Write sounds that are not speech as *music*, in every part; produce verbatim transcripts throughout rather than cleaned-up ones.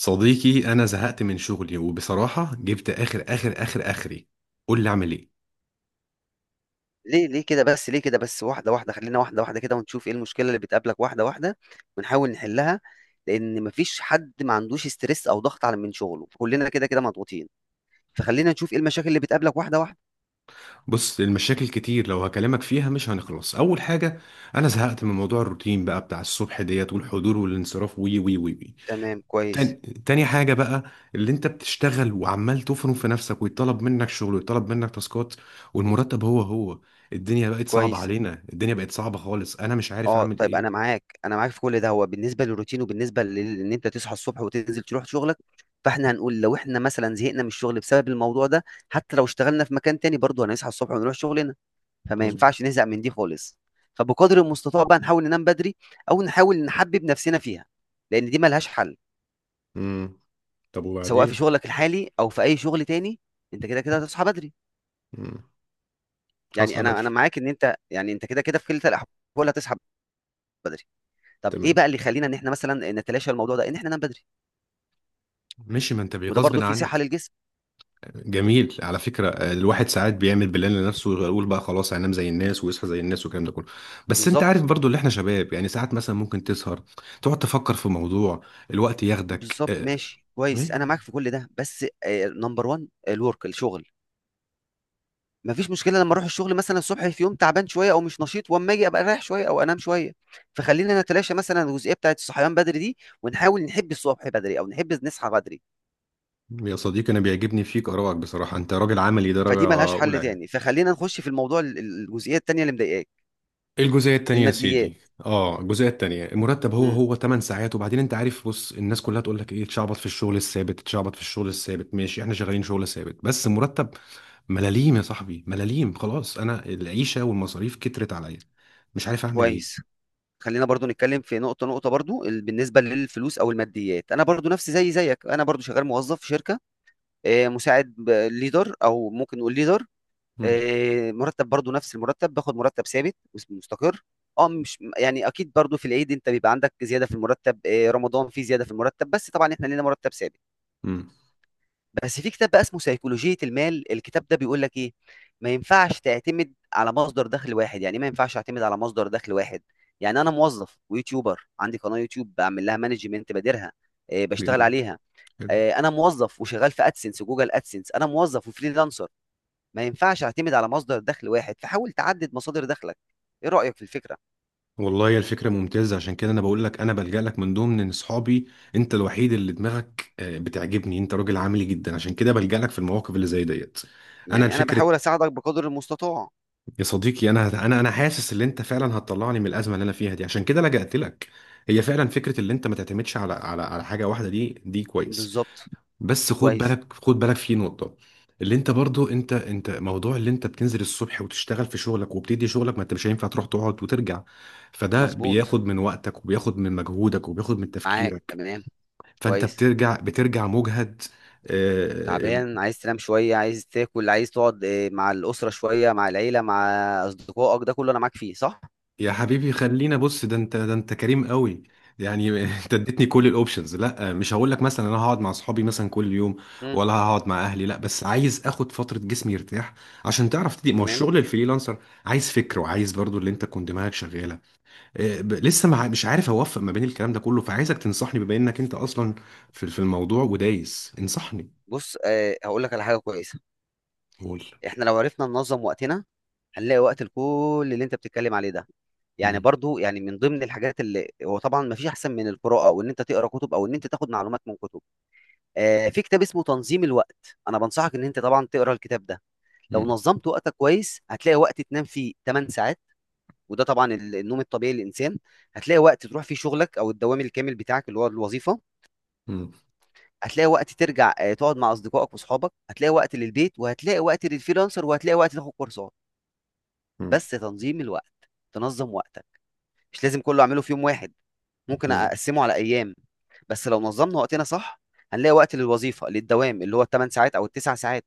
صديقي انا زهقت من شغلي وبصراحه جبت اخر اخر اخر اخري. قول لي اعمل ايه؟ ليه ليه كده بس، ليه كده بس، واحدة واحدة، خلينا واحدة واحدة كده ونشوف ايه المشكلة اللي بتقابلك واحدة واحدة ونحاول نحلها. لأن مفيش حد ما عندوش ستريس أو ضغط على من شغله، كلنا كده كده مضغوطين. فخلينا نشوف ايه المشاكل اللي بتقابلك واحدة واحدة. بص، المشاكل كتير، لو هكلمك فيها مش هنخلص. اول حاجه، انا زهقت من موضوع الروتين بقى بتاع الصبح ديت، والحضور والانصراف، وي وي وي وي. تمام، كويس. تاني, تاني حاجه بقى، اللي انت بتشتغل وعمال تفرم في نفسك، ويطلب منك شغل ويطلب منك تاسكات، والمرتب هو هو. الدنيا بقت صعبه كويس. علينا، الدنيا بقت صعبه خالص، انا مش عارف اه اعمل طيب، انا ايه. معاك، انا معاك في كل ده. هو بالنسبه للروتين وبالنسبه لل- ان انت تصحى الصبح وتنزل تروح شغلك، فاحنا هنقول لو احنا مثلا زهقنا من الشغل بسبب الموضوع ده، حتى لو اشتغلنا في مكان تاني برضه هنصحى الصبح ونروح شغلنا. فما مظبوط. ينفعش نزهق من دي خالص. فبقدر المستطاع بقى نحاول ننام بدري، او نحاول نحبب نفسنا فيها، لان دي ملهاش حل. امم، طب سواء في وبعدين؟ شغلك الحالي او في اي شغل تاني، انت كده كده هتصحى بدري. امم، يعني هصحى انا بدري. انا معاك ان انت، يعني انت كده كده في كلتا الاحوال هتصحى بدري. طب ايه تمام، بقى اللي يخلينا ان احنا مثلا نتلاشى الموضوع ده، ان احنا ننام بدري؟ ماشي، ما انت وده بغصب برضو في صحة عنك. للجسم. جميل. على فكرة، الواحد ساعات بيعمل بلان لنفسه ويقول بقى خلاص هينام زي الناس ويصحى زي الناس والكلام ده كله. بس انت عارف بالظبط. برضو، اللي احنا شباب يعني، ساعات مثلا ممكن تسهر تقعد تفكر في موضوع، الوقت ياخدك. بالظبط، اه، ماشي كويس، انا ما- معاك في كل ده، بس نمبر واحد الورك، الشغل. مفيش مشكله لما اروح الشغل مثلا الصبح في يوم تعبان شويه او مش نشيط، واما اجي ابقى رايح شويه او انام شويه. فخلينا نتلاشى مثلا الجزئيه بتاعت الصحيان بدري دي، ونحاول نحب الصبح بدري او نحب نصحى بدري. يا صديقي، انا بيعجبني فيك ارائك بصراحة، انت راجل عملي درجة فدي ملهاش اولى حل يعني. تاني، فخلينا نخش في الموضوع ال- ال- الجزئيه التانيه اللي مضايقاك، الجزئية التانية يا الماديات. سيدي. اه، الجزئية التانية، المرتب هو امم. هو، 8 ساعات، وبعدين انت عارف. بص، الناس كلها تقول لك ايه: تشعبط في الشغل الثابت، تشعبط في الشغل الثابت. ماشي، احنا شغالين شغل ثابت، بس المرتب ملاليم يا صاحبي، ملاليم. خلاص، انا العيشة والمصاريف كترت عليا، مش عارف اعمل ايه. كويس، خلينا برضو نتكلم في نقطه نقطه. برضو ال- بالنسبه للفلوس او الماديات، انا برضو نفسي زي زيك، انا برضو شغال موظف في شركه، آه، مساعد ليدر او ممكن نقول ليدر. مم. آه، مرتب برضو نفس المرتب، باخد مرتب ثابت مستقر. اه مش يعني اكيد، برضو في العيد انت بيبقى عندك زياده في المرتب، آه، رمضان في زياده في المرتب، بس طبعا احنا لينا مرتب ثابت. مم. بس في كتاب بقى اسمه سيكولوجيه المال، الكتاب ده بيقول لك ايه؟ ما ينفعش تعتمد على مصدر دخل واحد. يعني إيه ما ينفعش اعتمد على مصدر دخل واحد؟ يعني انا موظف ويوتيوبر، عندي قناه يوتيوب بعمل لها مانجمنت، بديرها، آه، بشتغل جميل. عليها. حلو. آه، انا موظف وشغال في ادسنس وجوجل ادسنس، انا موظف وفريلانسر. ما ينفعش اعتمد على مصدر دخل واحد، فحاول تعدد مصادر دخلك. ايه رأيك في الفكرة؟ والله يا الفكرة ممتازة، عشان كده انا بقول لك، انا بلجأ لك من ضمن اصحابي. انت الوحيد اللي دماغك آه، بتعجبني، انت راجل عملي جدا، عشان كده بلجأ لك في المواقف اللي زي ديت. انا يعني انا الفكرة، بحاول اساعدك بقدر المستطاع. يا صديقي، انا انا انا حاسس ان انت فعلا هتطلعني من الازمه اللي انا فيها دي، عشان كده لجأت لك. هي فعلا فكره، اللي انت ما تعتمدش على على على حاجه واحده، دي دي كويس. بالظبط. بس خد كويس. بالك، خد بالك في نقطه. اللي انت برضو، انت انت موضوع اللي انت بتنزل الصبح وتشتغل في شغلك وبتدي شغلك، ما انت مش هينفع تروح تقعد وترجع. فده مظبوط، بياخد من وقتك، وبياخد من مجهودك، وبياخد من معاك، تفكيرك. تمام. فانت كويس. بترجع بترجع مجهد. آه، تعبان، عايز تنام شوية، عايز تاكل، عايز تقعد آه، مع الأسرة شوية، مع العيلة، مع أصدقائك، ده كله أنا معاك فيه، صح؟ يا حبيبي، خلينا بص، ده انت ده انت كريم قوي. يعني *laughs* انت اديتني كل الاوبشنز. لا، مش هقول لك مثلا انا هقعد مع اصحابي مثلا كل يوم، مم. ولا هقعد مع اهلي، لا، بس عايز اخد فتره جسمي يرتاح. عشان تعرف تدي، ما هو تمام. الشغل الفريلانسر عايز فكر، وعايز برضو اللي انت تكون دماغك شغاله. اه، ب- لسه مع، مش عارف اوفق ما بين الكلام ده كله. فعايزك تنصحني بما انك انت اصلا في في الموضوع ودايس. انصحني. بص، أه هقول لك على حاجة كويسة. قول. احنا لو عرفنا ننظم وقتنا هنلاقي وقت لكل اللي انت بتتكلم عليه ده. يعني مم. برضو، يعني من ضمن الحاجات اللي هو طبعا ما فيش احسن من القراءه، او ان انت تقرا كتب، او ان انت تاخد معلومات من كتب. آه، في كتاب اسمه تنظيم الوقت، انا بنصحك ان انت طبعا تقرا الكتاب ده. لو مم. نظمت وقتك كويس هتلاقي وقت تنام فيه 8 ساعات، وده طبعا ال- النوم الطبيعي للانسان. هتلاقي وقت تروح فيه شغلك او الدوام الكامل بتاعك اللي هو الوظيفه، مم. هتلاقي وقت ترجع آه، تقعد مع اصدقائك واصحابك، هتلاقي وقت للبيت، وهتلاقي وقت للفريلانسر، وهتلاقي وقت تاخد كورسات. مم. بس تنظيم الوقت، تنظم وقتك، مش لازم كله اعمله في يوم واحد، ممكن مم. اقسمه على ايام. بس لو نظمنا وقتنا صح هنلاقي وقت للوظيفه، للدوام اللي هو الثمان ساعات او التسع ساعات،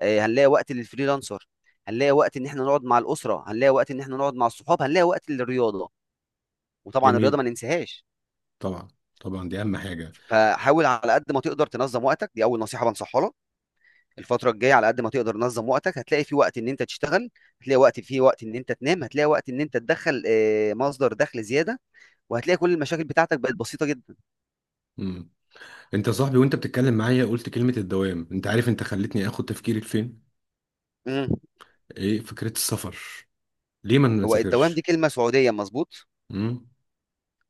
آه، هنلاقي وقت للفريلانسر، هنلاقي وقت ان احنا نقعد مع الاسره، هنلاقي وقت ان احنا نقعد مع الصحاب، هنلاقي وقت للرياضه، وطبعا الرياضه جميل. ما ننساهاش. طبعا. طبعا، دي اهم حاجه. فحاول على قد ما تقدر تنظم وقتك، دي اول نصيحه بنصحها لك. الفتره الجايه على قد ما تقدر تنظم وقتك، هتلاقي في وقت ان انت تشتغل، هتلاقي وقت في وقت ان انت تنام، هتلاقي وقت ان انت تدخل آه، مصدر دخل زياده، وهتلاقي كل المشاكل بتاعتك بقت بسيطة جدا. انت يا صاحبي، وانت بتتكلم معايا قلت كلمة الدوام، انت عارف انت خلتني اخد تفكيري لفين؟ امم ايه فكرة السفر؟ ليه ما هو الدوام دي نسافرش؟ كلمة سعودية، مظبوط. امم.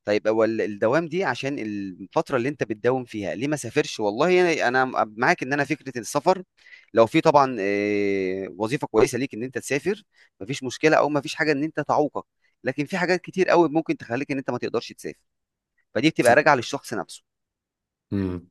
طيب هو ال- الدوام دي عشان الفترة اللي انت بتداوم فيها. ليه ما سافرش؟ والله انا، انا معاك ان انا فكرة السفر، لو في طبعا آه، وظيفة كويسة ليك ان انت تسافر، مفيش مشكلة او مفيش حاجة ان انت تعوقك. لكن في حاجات كتير قوي ممكن تخليك ان انت ما تقدرش تسافر، فدي بتبقى س- راجعة للشخص نفسه. امم،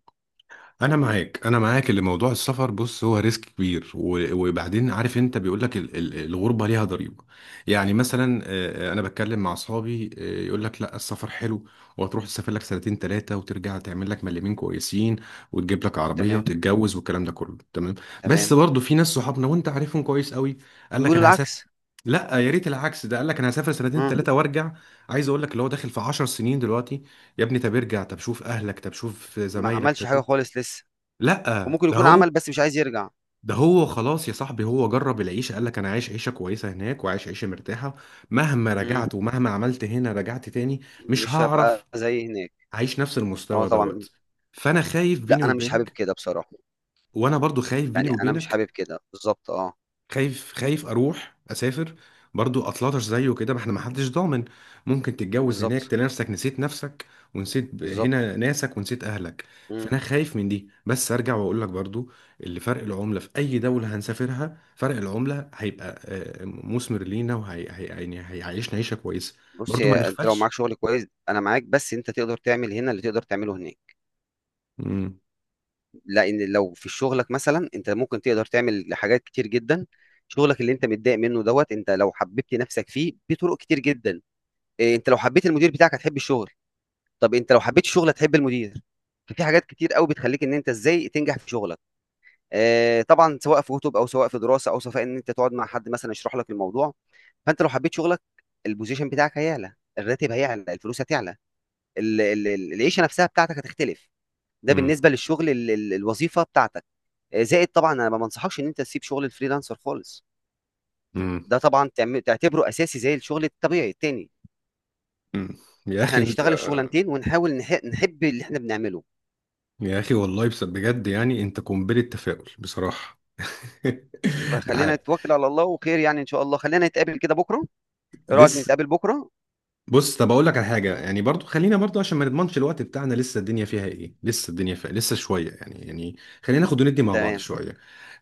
انا معاك، انا معاك. اللي موضوع السفر، بص هو ريسك كبير، و- وبعدين عارف، انت بيقول لك، ال- ال- الغربة ليها ضريبة. يعني مثلا آه، انا بتكلم مع اصحابي، آه، يقول لك لا، السفر حلو، وهتروح تسافر لك سنتين ثلاثة وترجع تعمل لك مليمين كويسين وتجيب لك عربية تمام. وتتجوز والكلام ده كله تمام. بس تمام. برضه في ناس، صحابنا وانت عارفهم كويس قوي، قال لك بيقولوا انا هسافر. العكس. لا، يا ريت العكس! ده قال لك انا هسافر سنتين امم. ثلاثه وارجع، عايز اقول لك اللي هو داخل في 10 سنين دلوقتي. يا ابني طب ارجع، طب شوف اهلك، طب شوف ما زمايلك، طب عملش حاجة شوف. خالص لسه، لا، وممكن ده يكون هو، عمل بس مش عايز يرجع. ده هو. خلاص يا صاحبي، هو جرب العيشه، قال لك انا عايش عيشه كويسه هناك وعايش عيشه مرتاحه. مهما امم. رجعت ومهما عملت هنا، رجعت تاني مش مش هعرف هبقى زي هناك. اعيش نفس اه المستوى طبعا. دوت. فانا خايف لا بيني انا مش حابب وبينك، كده بصراحه، وانا برضو خايف بيني يعني انا مش وبينك. حابب كده بالظبط، اه. خايف، خايف اروح اسافر برضو اطلطش زيه كده، ما احنا، ما حدش ضامن. ممكن تتجوز بالظبط. هناك تلاقي نفسك نسيت نفسك، ونسيت ب- بالظبط. هنا ناسك ونسيت اهلك. مم. فانا خايف من دي. بس ارجع واقول لك برضو، اللي فرق العمله في اي دوله هنسافرها، فرق العمله هيبقى آه، مثمر لينا، وهي هي- يعني هيعيشنا عيشه كويسه. بص برضو ما يا انت، لو نغفلش. معاك شغل كويس انا معاك، بس انت تقدر تعمل هنا اللي تقدر تعمله هناك. مم. لان لو في شغلك مثلا انت ممكن تقدر تعمل حاجات كتير جدا. شغلك اللي انت متضايق منه دوت، انت لو حببت نفسك فيه بطرق كتير جدا. إيه، انت لو حبيت المدير بتاعك هتحب الشغل، طب انت لو حبيت الشغل هتحب المدير. ففي حاجات كتير قوي بتخليك ان انت ازاي تنجح في شغلك، آه، طبعا سواء في كتب او سواء في دراسه، او سواء ان انت تقعد مع حد مثلا يشرح لك الموضوع. فانت لو حبيت شغلك، البوزيشن بتاعك هيعلى، الراتب هيعلى، الفلوس هتعلى، ال- ال- ال- العيشه نفسها بتاعتك هتختلف. ده مم. بالنسبه للشغل، ال- ال- الوظيفه بتاعتك. آه، زائد طبعا، انا ما بنصحكش ان انت تسيب شغل الفريلانسر خالص. مم. ده طبعا تعم- تعتبره اساسي زي الشغل الطبيعي التاني. مم. يا فاحنا اخي انت. نشتغل الشغلانتين ونحاول نح- نحب اللي احنا بنعمله. يا اخي والله بس- بجد يعني انت قنبله تفاؤل بصراحه. *laughs* ده فخلينا حقيقي. نتوكل على الله وخير، يعني ان شاء الله خلينا نتقابل كده بكره. ايه رايك لسه؟ نتقابل بكره؟ بص، طب اقول لك على حاجه، يعني برضو خلينا برضو، عشان ما نضمنش الوقت بتاعنا، لسه الدنيا فيها ايه، لسه الدنيا فيها لسه شويه يعني، يعني خلينا ناخد وندي مع بعض تمام. شويه.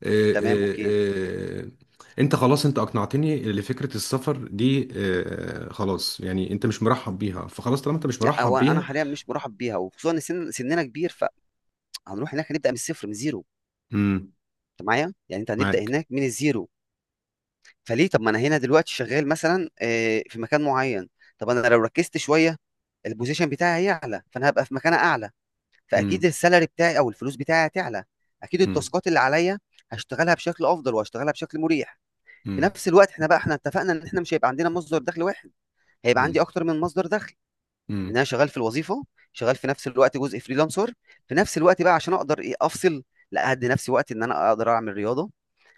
آه. تمام، اوكي. آه. آه. انت خلاص، انت اقنعتني لفكره السفر دي. آه، خلاص يعني، انت مش مرحب بيها، فخلاص طالما انت مش لا مرحب هو انا بيها. حاليا مش مرحب بيها، وخصوصا ان سن سننا كبير، فهنروح هناك هنبدا من الصفر، من زيرو. امم. انت معايا، يعني انت هنبدا معاك. هناك من الزيرو. فليه؟ طب ما انا هنا دلوقتي شغال مثلا آه، في مكان معين. طب انا لو ركزت شويه البوزيشن بتاعي هيعلى، فانا هبقى في مكان اعلى، فاكيد امم. السالري بتاعي او الفلوس بتاعي هتعلى. اكيد امم. التاسكات اللي عليا هشتغلها بشكل افضل وهشتغلها بشكل مريح. في امم. نفس الوقت، احنا بقى احنا اتفقنا ان احنا مش هيبقى عندنا مصدر دخل واحد، هيبقى عندي اكتر من مصدر دخل، ان امم. انا شغال في الوظيفه، شغال في نفس الوقت جزء فريلانسر، في نفس الوقت بقى عشان اقدر ايه افصل. لا، هدي نفسي وقت ان انا اقدر اعمل رياضه،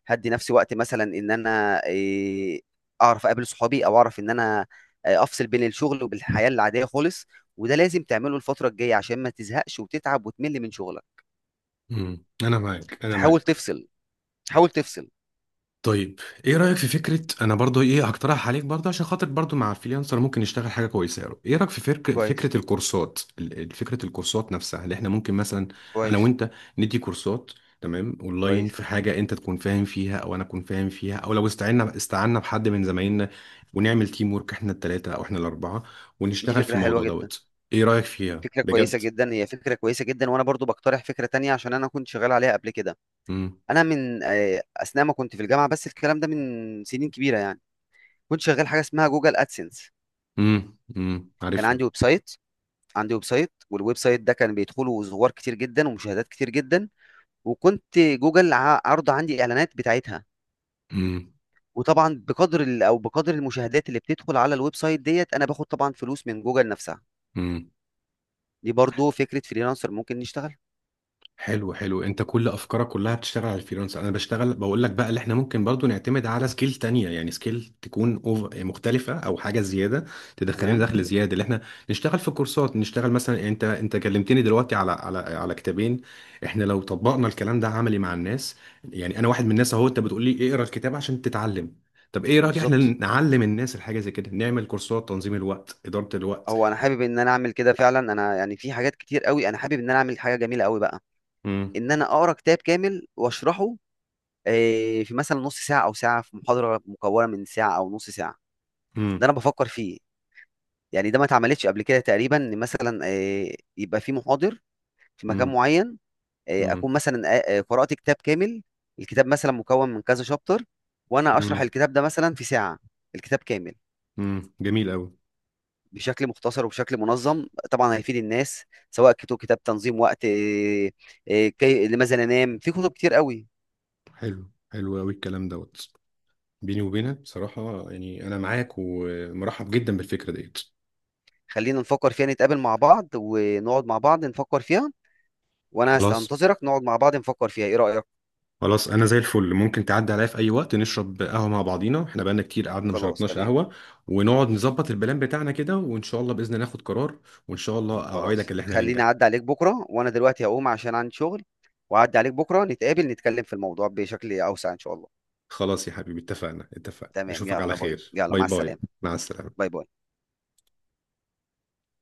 هدي نفسي وقت مثلا ان انا إيه، اعرف اقابل صحابي، او اعرف ان انا آه، افصل بين الشغل وبالحياه العاديه خالص. وده لازم تعمله الفتره الجايه عشان ما تزهقش وتتعب وتمل من شغلك. امم، انا معاك، انا فحاول معاك. تفصل، حاول تفصل. طيب ايه رأيك في فكرة، انا برضو ايه هقترح عليك برضو عشان خاطر، برضو مع الفريلانسر ممكن نشتغل حاجة كويسة يا رب. ايه رأيك في فرق كويس. فكرة الكورسات، ال- ال- فكرة الكورسات نفسها، اللي احنا ممكن مثلا انا كويس. وانت ندي كورسات، تمام، اونلاين، كويس. في حاجة انت تكون فاهم فيها او انا اكون فاهم فيها، او لو استعنا استعنا بحد من زمايلنا، ونعمل تيم وورك احنا التلاتة او احنا الاربعة، دي ونشتغل في فكره حلوه الموضوع جدا. دوت. ايه رأيك فيها فكره كويسه بجد؟ جدا، هي فكره كويسه جدا، وانا برضو بقترح فكره تانية عشان انا كنت شغال عليها قبل كده. امم. انا من آه، اثناء ما كنت في الجامعه، بس الكلام ده من سنين كبيره يعني، كنت شغال حاجه اسمها جوجل ادسنس. امم. امم، كان عارفها. عندي ويب سايت، عندي ويب سايت، والويب سايت ده كان بيدخله زوار كتير جدا ومشاهدات كتير جدا، وكنت جوجل ع- عارضه عندي اعلانات بتاعتها. وطبعا بقدر ال- او بقدر المشاهدات اللي بتدخل على الويب سايت ديت انا باخد طبعا فلوس من جوجل نفسها. امم. دي برضو فكره فريلانسر ممكن نشتغل. حلو، حلو، انت كل افكارك كلها بتشتغل على الفريلانس. انا بشتغل بقول لك بقى اللي احنا ممكن برضو نعتمد على سكيل تانية، يعني سكيل تكون أوف- مختلفة او حاجة زيادة تدخلنا تمام. دخل زيادة، اللي احنا نشتغل في كورسات، نشتغل مثلا، يعني انت انت كلمتني دلوقتي على على على كتابين. احنا لو طبقنا الكلام ده عملي مع الناس، يعني انا واحد من الناس اهو، انت بتقول لي اقرا الكتاب عشان تتعلم، طب ايه رأيك احنا بالظبط. نعلم الناس الحاجة زي كده، نعمل كورسات تنظيم الوقت، إدارة الوقت. هو انا حابب ان انا اعمل كده فعلا، انا يعني في حاجات كتير قوي انا حابب ان انا اعمل حاجه جميله قوي بقى، امم. ان انا اقرا كتاب كامل واشرحه آه، في مثلا نص ساعه او ساعه، في محاضره مكونه من ساعه او نص ساعه. ده امم. انا بفكر فيه، يعني ده ما اتعملتش قبل كده تقريبا، ان مثلا آه، يبقى في محاضر في مكان امم. معين، آه، اكون مثلا آه، آه، قرات كتاب كامل، الكتاب مثلا مكون من كذا شابتر، وانا اشرح امم. الكتاب ده مثلا في ساعه، الكتاب كامل، امم، جميل قوي. بشكل مختصر وبشكل منظم، طبعا هيفيد الناس. سواء كتب كتاب تنظيم وقت آه، آه، كي- لماذا ننام، في كتب كتير قوي. حلو، حلو قوي الكلام دوت. بيني وبينك بصراحة، يعني أنا معاك ومرحب جدا بالفكرة ديت. خلينا نفكر فيها، نتقابل مع بعض ونقعد مع بعض نفكر فيها، وانا هست- خلاص، هنتظرك، نقعد مع بعض نفكر فيها. ايه رأيك؟ خلاص، أنا زي الفل، ممكن تعدي عليا في أي وقت نشرب قهوة مع بعضينا، إحنا بقالنا كتير قعدنا ما خلاص، شربناش تمام. قهوة، ونقعد نظبط البلان بتاعنا كده، وإن شاء الله بإذن الله ناخد قرار، وإن شاء الله خلاص، أوعدك إن إحنا خليني هننجح. اعدي عليك بكرة، وانا دلوقتي هقوم عشان عندي شغل، واعدي عليك بكرة نتقابل نتكلم في الموضوع بشكل اوسع ان شاء الله. خلاص يا حبيبي، اتفقنا، اتفقنا، تمام، أشوفك على يلا باي، خير، يلا باي مع السلامة. باي، مع السلامة. باي باي.